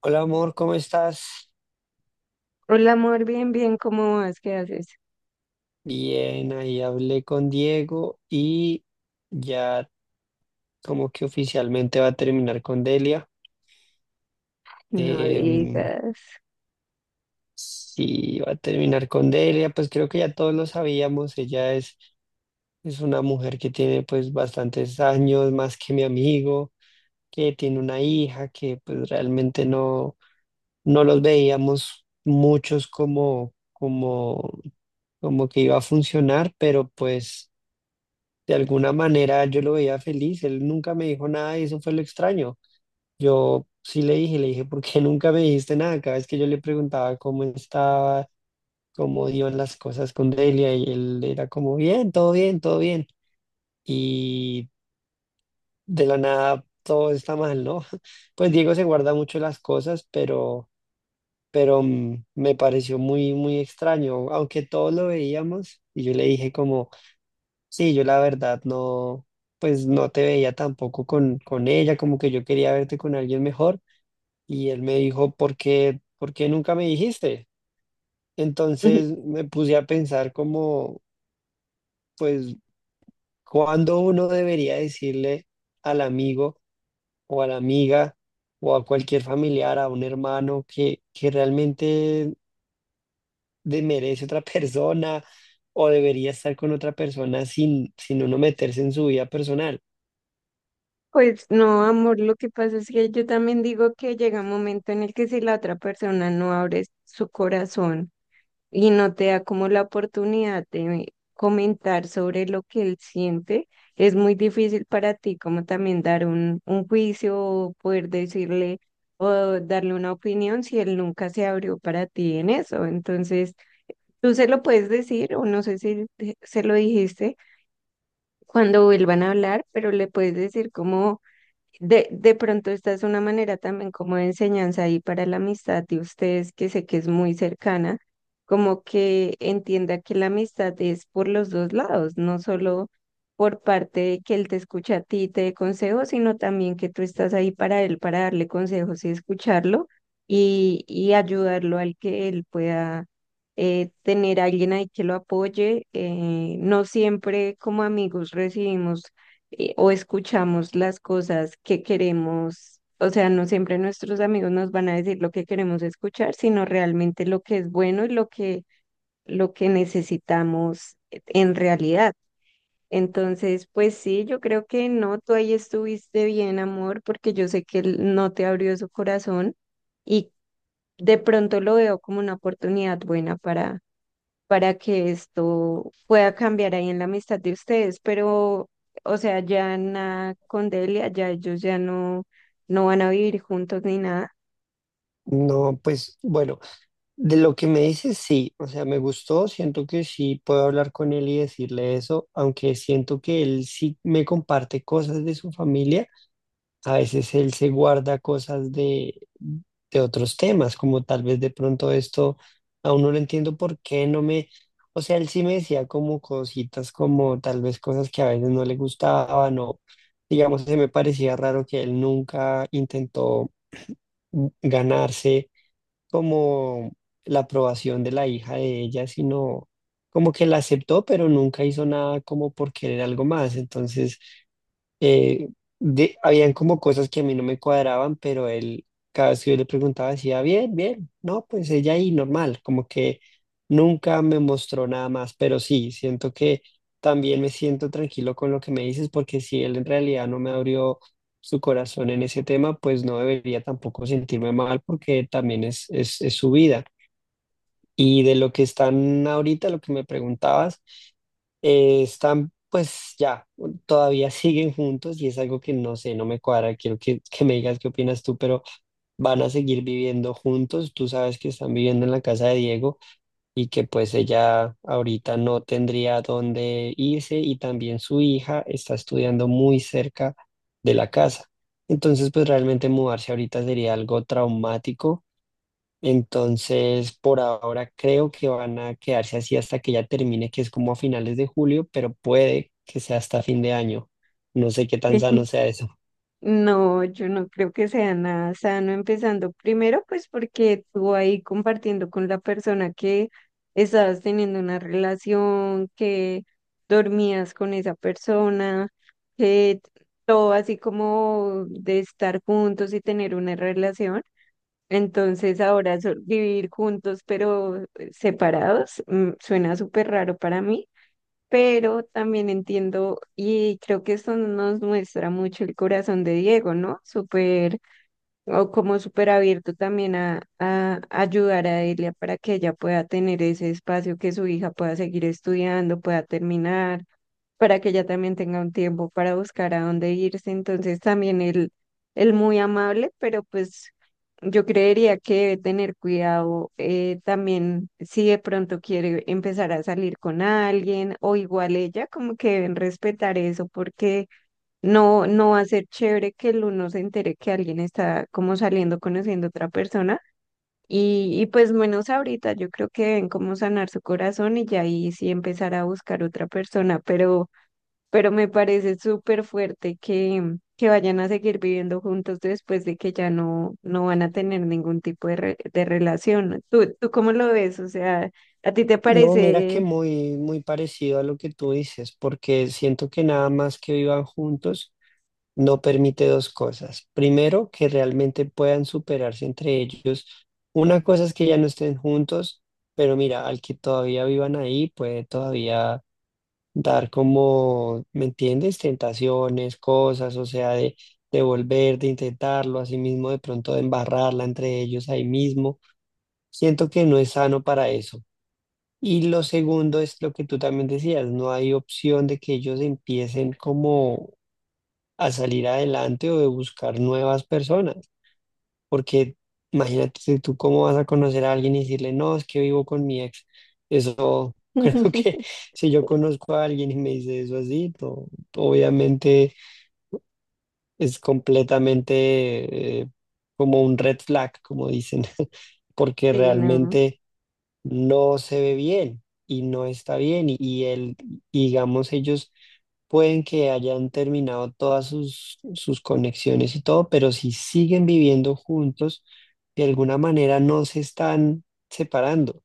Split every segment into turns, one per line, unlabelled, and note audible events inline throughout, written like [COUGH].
Hola, amor, ¿cómo estás?
Hola, amor, bien, bien, ¿cómo vas? ¿Qué haces?
Bien, ahí hablé con Diego y ya como que oficialmente va a terminar con Delia.
No
Em,
digas.
sí, va a terminar con Delia, pues creo que ya todos lo sabíamos. Es una mujer que tiene pues bastantes años más que mi amigo, que tiene una hija, que pues realmente no los veíamos muchos como que iba a funcionar, pero pues... De alguna manera yo lo veía feliz, él nunca me dijo nada y eso fue lo extraño. Yo sí le dije, ¿por qué nunca me dijiste nada? Cada vez que yo le preguntaba cómo estaba, cómo iban las cosas con Delia, y él era como, bien, todo bien, todo bien. Y de la nada todo está mal, ¿no? [LAUGHS] Pues Diego se guarda mucho las cosas, pero me pareció muy, muy extraño, aunque todos lo veíamos y yo le dije como... Sí, yo la verdad no, pues no te veía tampoco con ella, como que yo quería verte con alguien mejor, y él me dijo, ¿por qué nunca me dijiste?
Ujú.
Entonces me puse a pensar como, pues, ¿cuándo uno debería decirle al amigo o a la amiga o a cualquier familiar, a un hermano que realmente merece otra [LAUGHS] persona o debería estar con otra persona sin uno meterse en su vida personal?
Pues no, amor, lo que pasa es que yo también digo que llega un momento en el que si la otra persona no abre su corazón y no te da como la oportunidad de comentar sobre lo que él siente, es muy difícil para ti como también dar un juicio o poder decirle o darle una opinión si él nunca se abrió para ti en eso. Entonces, tú se lo puedes decir, o no sé si se lo dijiste cuando vuelvan a hablar, pero le puedes decir como, de pronto esta es una manera también como de enseñanza ahí para la amistad de ustedes, que sé que es muy cercana, como que entienda que la amistad es por los dos lados, no solo por parte de que él te escucha a ti, y te dé consejos, sino también que tú estás ahí para él, para darle consejos y escucharlo y ayudarlo al que él pueda tener a alguien ahí que lo apoye. Eh, no siempre como amigos recibimos o escuchamos las cosas que queremos. O sea, no siempre nuestros amigos nos van a decir lo que queremos escuchar, sino realmente lo que es bueno y lo que necesitamos en realidad. Entonces, pues sí, yo creo que no, tú ahí estuviste bien, amor, porque yo sé que él no te abrió su corazón y de pronto lo veo como una oportunidad buena para que esto pueda cambiar ahí en la amistad de ustedes, pero, o sea, ya Ana con Delia, ya ellos no van a vivir juntos ni nada.
No, pues bueno. De lo que me dices, sí, o sea, me gustó, siento que sí puedo hablar con él y decirle eso, aunque siento que él sí me comparte cosas de su familia, a veces él se guarda cosas de otros temas, como tal vez de pronto esto. Aún no lo entiendo por qué no me, o sea, él sí me decía como cositas, como tal vez cosas que a veces no le gustaban o, digamos, se me parecía raro que él nunca intentó ganarse como la aprobación de la hija de ella, sino como que la aceptó, pero nunca hizo nada como por querer algo más. Entonces eh, habían como cosas que a mí no me cuadraban, pero él, cada vez que yo le preguntaba, decía, bien, bien, no, pues ella ahí normal, como que nunca me mostró nada más. Pero sí, siento que también me siento tranquilo con lo que me dices, porque si él en realidad no me abrió su corazón en ese tema, pues no debería tampoco sentirme mal, porque también es su vida. Y de lo que están ahorita, lo que me preguntabas, están, pues ya, todavía siguen juntos y es algo que no sé, no me cuadra. Quiero que me digas qué opinas tú, pero van a seguir viviendo juntos. Tú sabes que están viviendo en la casa de Diego y que pues ella ahorita no tendría dónde irse, y también su hija está estudiando muy cerca de la casa. Entonces, pues realmente mudarse ahorita sería algo traumático. Entonces, por ahora creo que van a quedarse así hasta que ya termine, que es como a finales de julio, pero puede que sea hasta fin de año. No sé qué tan sano
[LAUGHS]
sea eso.
No, yo no creo que sea nada sano empezando primero, pues porque tú ahí compartiendo con la persona que estabas teniendo una relación, que dormías con esa persona, que todo así como de estar juntos y tener una relación. Entonces ahora vivir juntos pero separados suena súper raro para mí, pero también entiendo y creo que esto nos muestra mucho el corazón de Diego, ¿no? Súper o como súper abierto también a ayudar a Elia para que ella pueda tener ese espacio, que su hija pueda seguir estudiando, pueda terminar para que ella también tenga un tiempo para buscar a dónde irse. Entonces también él muy amable, pero pues yo creería que debe tener cuidado también si de pronto quiere empezar a salir con alguien o igual ella, como que deben respetar eso porque no va a ser chévere que el uno se entere que alguien está como saliendo, conociendo a otra persona. Y pues menos ahorita, yo creo que deben como sanar su corazón y ya ahí sí empezar a buscar otra persona, pero me parece súper fuerte que vayan a seguir viviendo juntos después de que ya no van a tener ningún tipo de relación. ¿Tú cómo lo ves? O sea, ¿a ti te
No, mira que
parece?
muy, muy parecido a lo que tú dices, porque siento que nada más que vivan juntos no permite dos cosas. Primero, que realmente puedan superarse entre ellos. Una cosa es que ya no estén juntos, pero mira, al que todavía vivan ahí puede todavía dar como, ¿me entiendes? Tentaciones, cosas, o sea, de volver, de intentarlo, así mismo de pronto de embarrarla entre ellos ahí mismo. Siento que no es sano para eso. Y lo segundo es lo que tú también decías, no hay opción de que ellos empiecen como a salir adelante o de buscar nuevas personas, porque imagínate, si tú cómo vas a conocer a alguien y decirle, no, es que vivo con mi ex. Eso, [LAUGHS] creo que
[LAUGHS]
si yo conozco a alguien y me dice eso así, no, obviamente es completamente como un red flag, como dicen, [LAUGHS] porque
Sí, no.
realmente no se ve bien y no está bien. Y él, y Digamos, ellos pueden que hayan terminado todas sus conexiones y todo, pero si siguen viviendo juntos, de alguna manera no se están separando.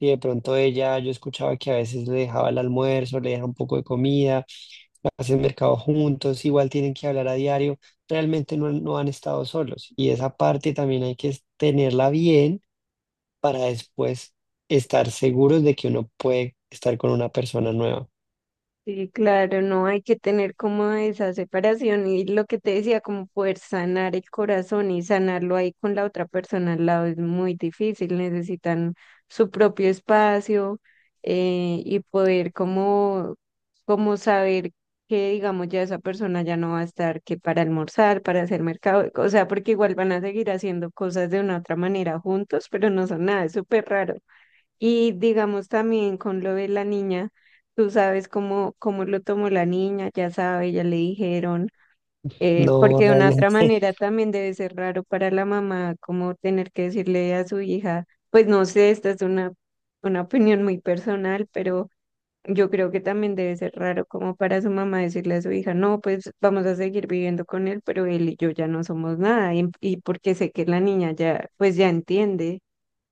Y de pronto ella, yo escuchaba que a veces le dejaba el almuerzo, le deja un poco de comida, hacen mercado juntos, igual tienen que hablar a diario. Realmente no, no han estado solos. Y esa parte también hay que tenerla bien para después estar seguros de que uno puede estar con una persona nueva.
Sí, claro, no hay que tener como esa separación y lo que te decía, como poder sanar el corazón y sanarlo ahí con la otra persona al lado es muy difícil, necesitan su propio espacio y poder como saber que digamos ya esa persona ya no va a estar que para almorzar, para hacer mercado, o sea, porque igual van a seguir haciendo cosas de una otra manera juntos, pero no son nada, es súper raro. Y digamos también con lo de la niña, tú sabes cómo lo tomó la niña, ya sabe, ya le dijeron,
No,
porque de
[LAUGHS]
una otra
realmente.
manera también debe ser raro para la mamá como tener que decirle a su hija, pues no sé, una opinión muy personal, pero yo creo que también debe ser raro como para su mamá decirle a su hija, no, pues vamos a seguir viviendo con él, pero él y yo ya no somos nada, y porque sé que la niña ya, pues ya entiende.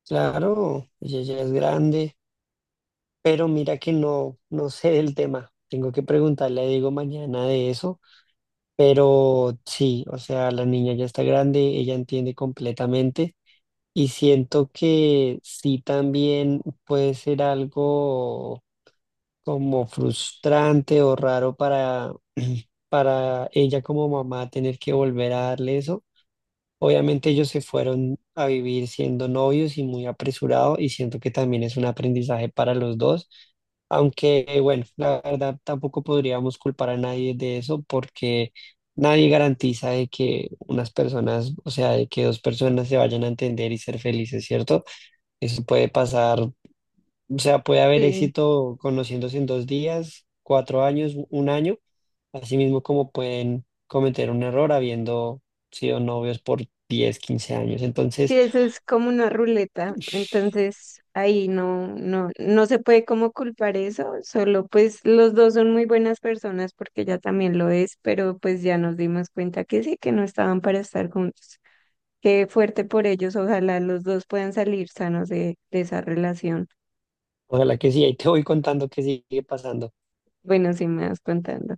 Claro, ella ya es grande, pero mira que no, no sé del tema. Tengo que preguntarle a Diego mañana de eso, pero sí, o sea, la niña ya está grande, ella entiende completamente, y siento que sí también puede ser algo como frustrante o raro para, [CLEARS THROAT] para ella como mamá tener que volver a darle eso. Obviamente ellos se fueron a vivir siendo novios y muy apresurado, y siento que también es un aprendizaje para los dos, aunque bueno, la verdad tampoco podríamos culpar a nadie de eso, porque nadie garantiza de que unas personas, o sea, de que dos personas se vayan a entender y ser felices, ¿cierto? Eso puede pasar, o sea, puede haber
Sí.
éxito conociéndose en 2 días, 4 años, un año, así mismo como pueden cometer un error habiendo sido novios por 10 15 años.
Sí,
Entonces,
eso es como una ruleta, entonces ahí no se puede como culpar eso, solo pues los dos son muy buenas personas porque ella también lo es, pero pues ya nos dimos cuenta que sí, que no estaban para estar juntos. Qué fuerte por ellos, ojalá los dos puedan salir sanos de esa relación.
ojalá que sí, ahí te voy contando qué sigue pasando.
Bueno, sí me vas contando.